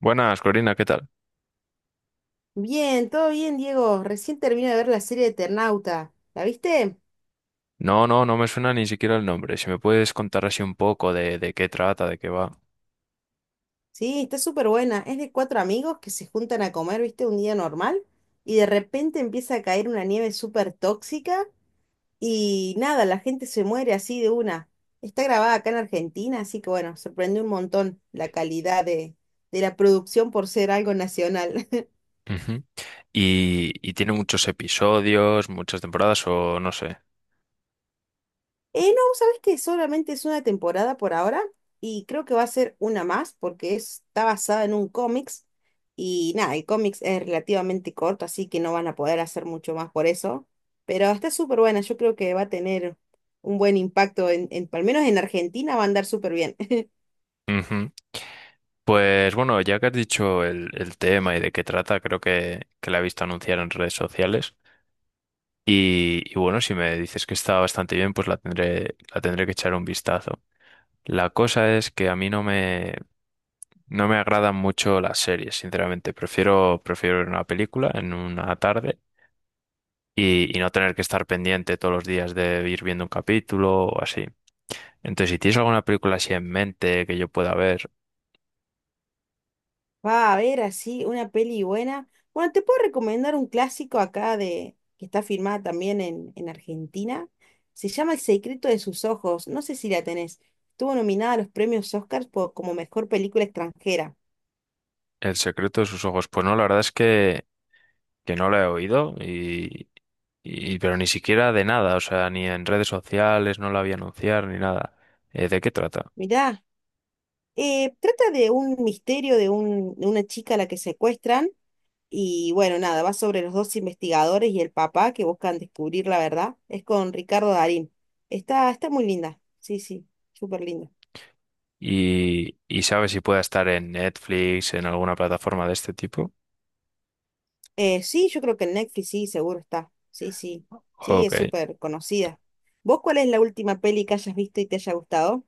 Buenas, Corina, ¿qué tal? Bien, todo bien, Diego. Recién termino de ver la serie de Eternauta. ¿La viste? No, no, no me suena ni siquiera el nombre. Si me puedes contar así un poco de qué trata, de qué va. Sí, está súper buena. Es de cuatro amigos que se juntan a comer, ¿viste? Un día normal y de repente empieza a caer una nieve súper tóxica y nada, la gente se muere así de una. Está grabada acá en Argentina, así que bueno, sorprende un montón la calidad de la producción por ser algo nacional. Ujú. Y tiene muchos episodios, muchas temporadas o no sé. No, sabes que solamente es una temporada por ahora y creo que va a ser una más porque está basada en un cómics y nada, el cómics es relativamente corto, así que no van a poder hacer mucho más por eso, pero está súper buena, yo creo que va a tener un buen impacto al menos en Argentina va a andar súper bien. Ujú. Pues bueno, ya que has dicho el tema y de qué trata, creo que la he visto anunciar en redes sociales. Y bueno, si me dices que está bastante bien, pues la tendré que echar un vistazo. La cosa es que a mí no no me agradan mucho las series, sinceramente. Prefiero, prefiero ver una película en una tarde y no tener que estar pendiente todos los días de ir viendo un capítulo o así. Entonces, si tienes alguna película así en mente que yo pueda ver, Va a haber así una peli buena. Bueno, te puedo recomendar un clásico acá de que está filmada también en Argentina. Se llama El secreto de sus ojos. No sé si la tenés. Estuvo nominada a los premios Oscars por, como mejor película extranjera. El secreto de sus ojos, pues no, la verdad es que no la he oído pero ni siquiera de nada, o sea, ni en redes sociales no la vi anunciar ni nada. ¿De qué trata? Mirá, trata de un misterio de una chica a la que secuestran. Y bueno, nada, va sobre los dos investigadores y el papá que buscan descubrir la verdad. Es con Ricardo Darín. Está muy linda. Sí, sí, súper linda. Y, y sabes si pueda estar en Netflix, en alguna plataforma de este tipo. Sí, yo creo que en Netflix sí, seguro está. Sí, sí, sí, Ok. es súper conocida. ¿Vos cuál es la última peli que hayas visto y te haya gustado?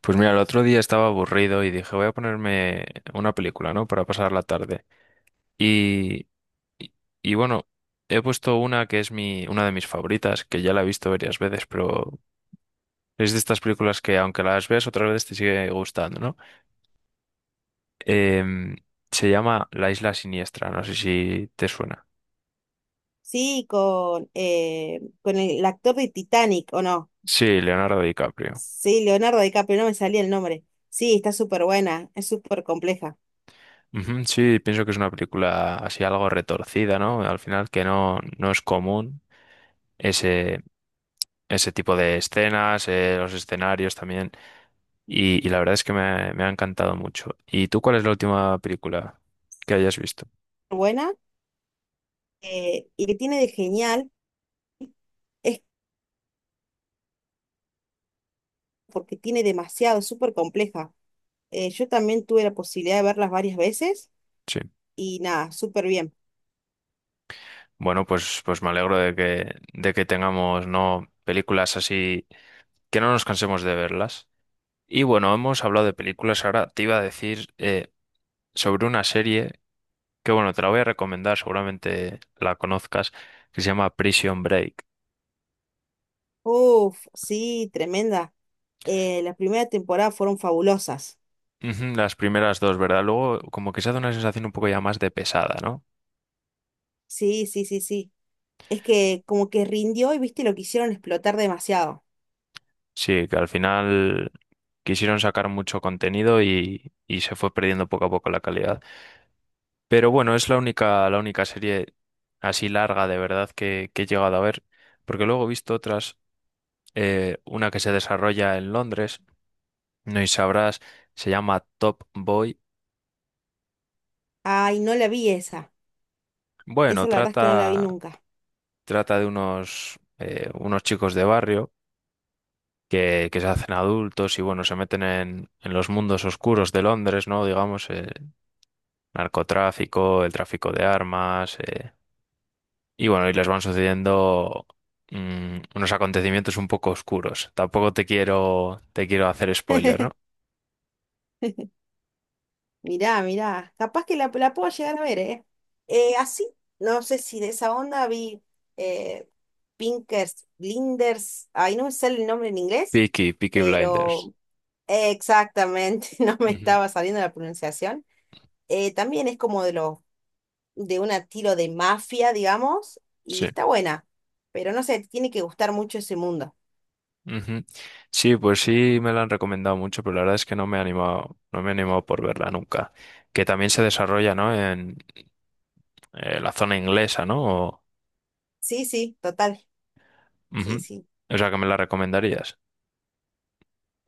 Pues mira, el otro día estaba aburrido y dije, voy a ponerme una película, ¿no? Para pasar la tarde. Y, y, y bueno, he puesto una que es mi, una de mis favoritas, que ya la he visto varias veces, pero es de estas películas que aunque las veas otra vez te sigue gustando, ¿no? Em, Se llama La Isla Siniestra, no sé si te suena. Sí, con el actor de Titanic, ¿o no? Sí, Leonardo DiCaprio. Sí, Leonardo DiCaprio, no me salía el nombre. Sí, está súper buena, es súper compleja. Ujú. Sí, pienso que es una película así algo retorcida, ¿no? Al final que no, no es común ese, ese tipo de escenas, los escenarios también. Y la verdad es que me ha encantado mucho. ¿Y tú cuál es la última película que hayas visto? Buena, y que tiene de genial es porque tiene demasiado, es súper compleja. Yo también tuve la posibilidad de verlas varias veces Sí. y nada, súper bien. Bueno, pues, pues me alegro de que tengamos, ¿no?, películas así que no nos cansemos de verlas. Y bueno, hemos hablado de películas. Ahora te iba a decir sobre una serie que bueno, te la voy a recomendar, seguramente la conozcas, que se llama Prison Break. Uf, sí, tremenda. Las primeras temporadas fueron fabulosas. Ujú. Las primeras dos, ¿verdad? Luego como que se hace una sensación un poco ya más de pesada, ¿no? Sí, sí, sí, sí. Es que como que rindió y viste lo que hicieron explotar demasiado. Sí, que al final quisieron sacar mucho contenido y se fue perdiendo poco a poco la calidad. Pero bueno, es la única serie así larga de verdad que he llegado a ver, porque luego he visto otras, una que se desarrolla en Londres, no y sabrás, se llama Top Boy. Ay, no la vi esa. Bueno, Esa la verdad es que no la vi trata, nunca. trata de unos, unos chicos de barrio que se hacen adultos y bueno, se meten en los mundos oscuros de Londres, ¿no? Digamos, el narcotráfico, el tráfico de armas, y bueno, y les van sucediendo unos acontecimientos un poco oscuros. Tampoco te quiero, te quiero hacer spoiler, ¿no? Mirá, mirá. Capaz que la puedo llegar a ver, ¿eh? Eh, así, no sé si de esa onda vi eh, Pinkers, Blinders. Ay, no me sale el nombre en inglés, Peaky Blinders. pero exactamente, no me Ujú. estaba saliendo la pronunciación también es como de un estilo de mafia, digamos, y Sí. está buena. Pero no sé, te tiene que gustar mucho ese mundo. Ujú. Sí, pues sí me la han recomendado mucho, pero la verdad es que no me he animado, no me he animado por verla nunca. Que también se desarrolla, ¿no?, en la zona inglesa, ¿no? O, Sí, sí, total. ujú, Sí, sí. o sea, que me la recomendarías.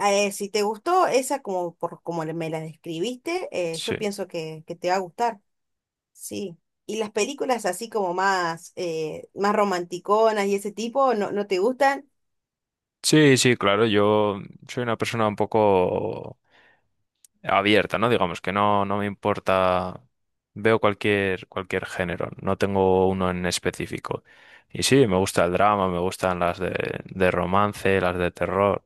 Si te gustó esa como por como me la describiste, Sí. yo pienso que te va a gustar. Sí. Y las películas así como más, más romanticonas y ese tipo, ¿no, no te gustan? Sí, sí, claro, yo soy una persona un poco abierta, ¿no? Digamos que no, no me importa, veo cualquier, cualquier género, no tengo uno en específico. Y sí, me gusta el drama, me gustan las de romance, las de terror.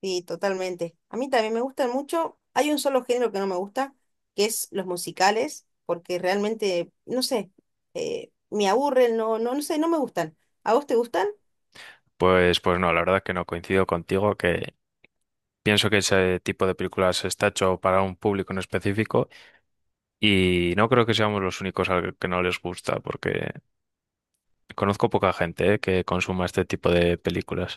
Sí, totalmente. A mí también me gustan mucho. Hay un solo género que no me gusta, que es los musicales, porque realmente, no sé, me aburren, no, no, no sé, no me gustan. ¿A vos te gustan? Pues, pues no, la verdad que no coincido contigo, que pienso que ese tipo de películas está hecho para un público en específico. Y no creo que seamos los únicos al que no les gusta, porque conozco poca gente, que consuma este tipo de películas.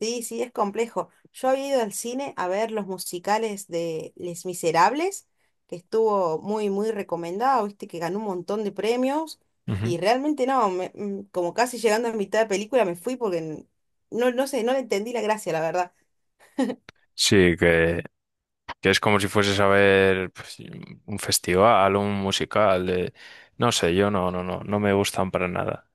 Sí, sí, es complejo. Yo había ido al cine a ver los musicales de Les Miserables, que estuvo muy, muy recomendado, viste, que ganó un montón de premios, Ujú. y realmente no, como casi llegando a mitad de película me fui porque no, no sé, no le entendí la gracia, la verdad. Sí, que es como si fueses a ver pues, un festival, un musical, de- no sé, yo no, no, no, no me gustan para nada.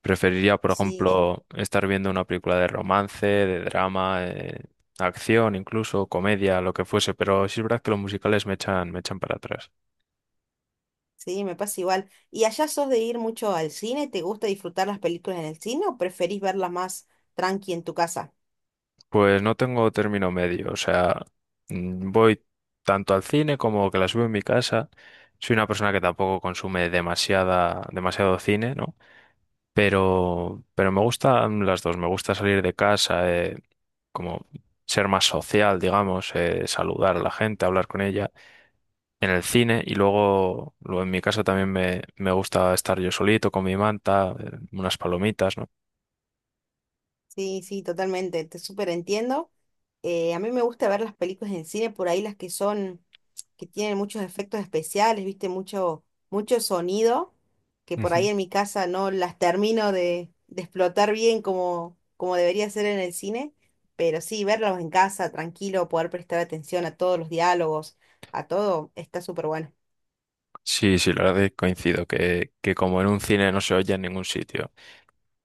Preferiría, por Sí, sí. ejemplo, estar viendo una película de romance, de drama, acción, incluso comedia, lo que fuese, pero sí es verdad que los musicales me echan para atrás. Sí, me pasa igual. ¿Y allá sos de ir mucho al cine? ¿Te gusta disfrutar las películas en el cine o preferís verlas más tranqui en tu casa? Pues no tengo término medio, o sea, voy tanto al cine como que la subo en mi casa. Soy una persona que tampoco consume demasiada, demasiado cine, ¿no? Pero me gustan las dos, me gusta salir de casa, como ser más social, digamos, saludar a la gente, hablar con ella en el cine y luego, luego en mi casa también me gusta estar yo solito con mi manta, unas palomitas, ¿no? Sí, sí, totalmente, te súper entiendo. A mí me gusta ver las películas en el cine, por ahí las que son, que tienen muchos efectos especiales, viste, mucho, mucho sonido, que por ahí en mi casa no las termino de explotar bien como, como debería ser en el cine, pero sí, verlas en casa, tranquilo, poder prestar atención a todos los diálogos, a todo, está súper bueno. Sí, sí, la verdad es que coincido, que como en un cine no se oye en ningún sitio.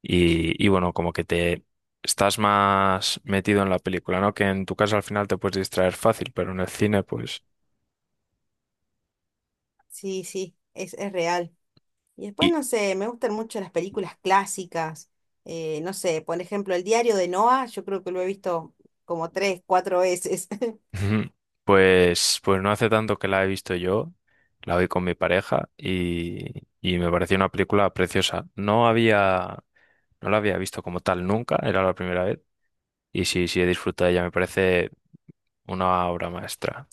Y bueno, como que te estás más metido en la película, ¿no? Que en tu casa al final te puedes distraer fácil, pero en el cine, pues. Sí, sí, es real. Y después, Y no sé, me gustan mucho las películas clásicas. No sé, por ejemplo, El diario de Noah, yo creo que lo he visto como tres, cuatro veces. Ujú. Pues, pues no hace tanto que la he visto yo, la vi con mi pareja, y me pareció una película preciosa. No había, no la había visto como tal nunca, era la primera vez. Y sí, sí he disfrutado de ella, me parece una obra maestra.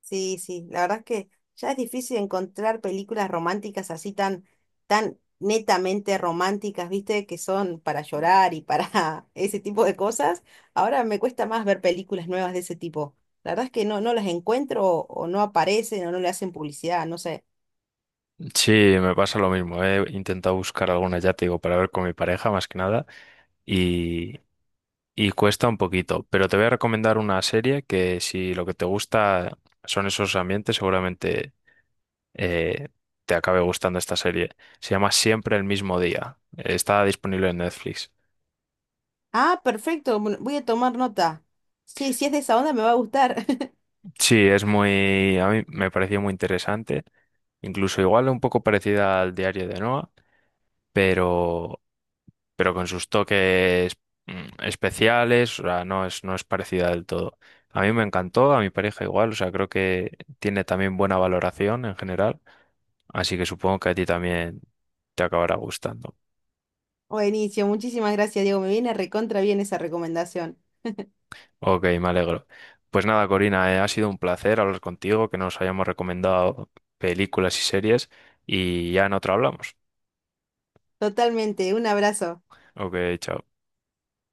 Sí, sí, la verdad es que ya es difícil encontrar películas románticas así tan, tan netamente románticas, ¿viste? Que son para llorar y para ese tipo de cosas. Ahora me cuesta más ver películas nuevas de ese tipo. La verdad es que no, no las encuentro o no aparecen o no le hacen publicidad, no sé. Sí, me pasa lo mismo. He intentado buscar alguna, ya te digo, para ver con mi pareja más que nada y, y cuesta un poquito. Pero te voy a recomendar una serie que si lo que te gusta son esos ambientes, seguramente eh, te acabe gustando esta serie. Se llama Siempre el mismo día. Está disponible en Netflix. Ah, perfecto. Bueno, voy a tomar nota. Sí, si es de esa onda me va a gustar. Sí, es muy, a mí me pareció muy interesante. Incluso igual un poco parecida al diario de Noah, pero pero con sus toques especiales, o sea, no es, no es parecida del todo. A mí me encantó, a mi pareja igual, o sea, creo que tiene también buena valoración en general, así que supongo que a ti también te acabará gustando. Buenísimo, muchísimas gracias, Diego. Me viene recontra bien esa recomendación. Ok, me alegro. Pues nada, Corina, ha sido un placer hablar contigo, que nos hayamos recomendado películas y series y ya en otra hablamos. Totalmente. Un abrazo. Ok, chao.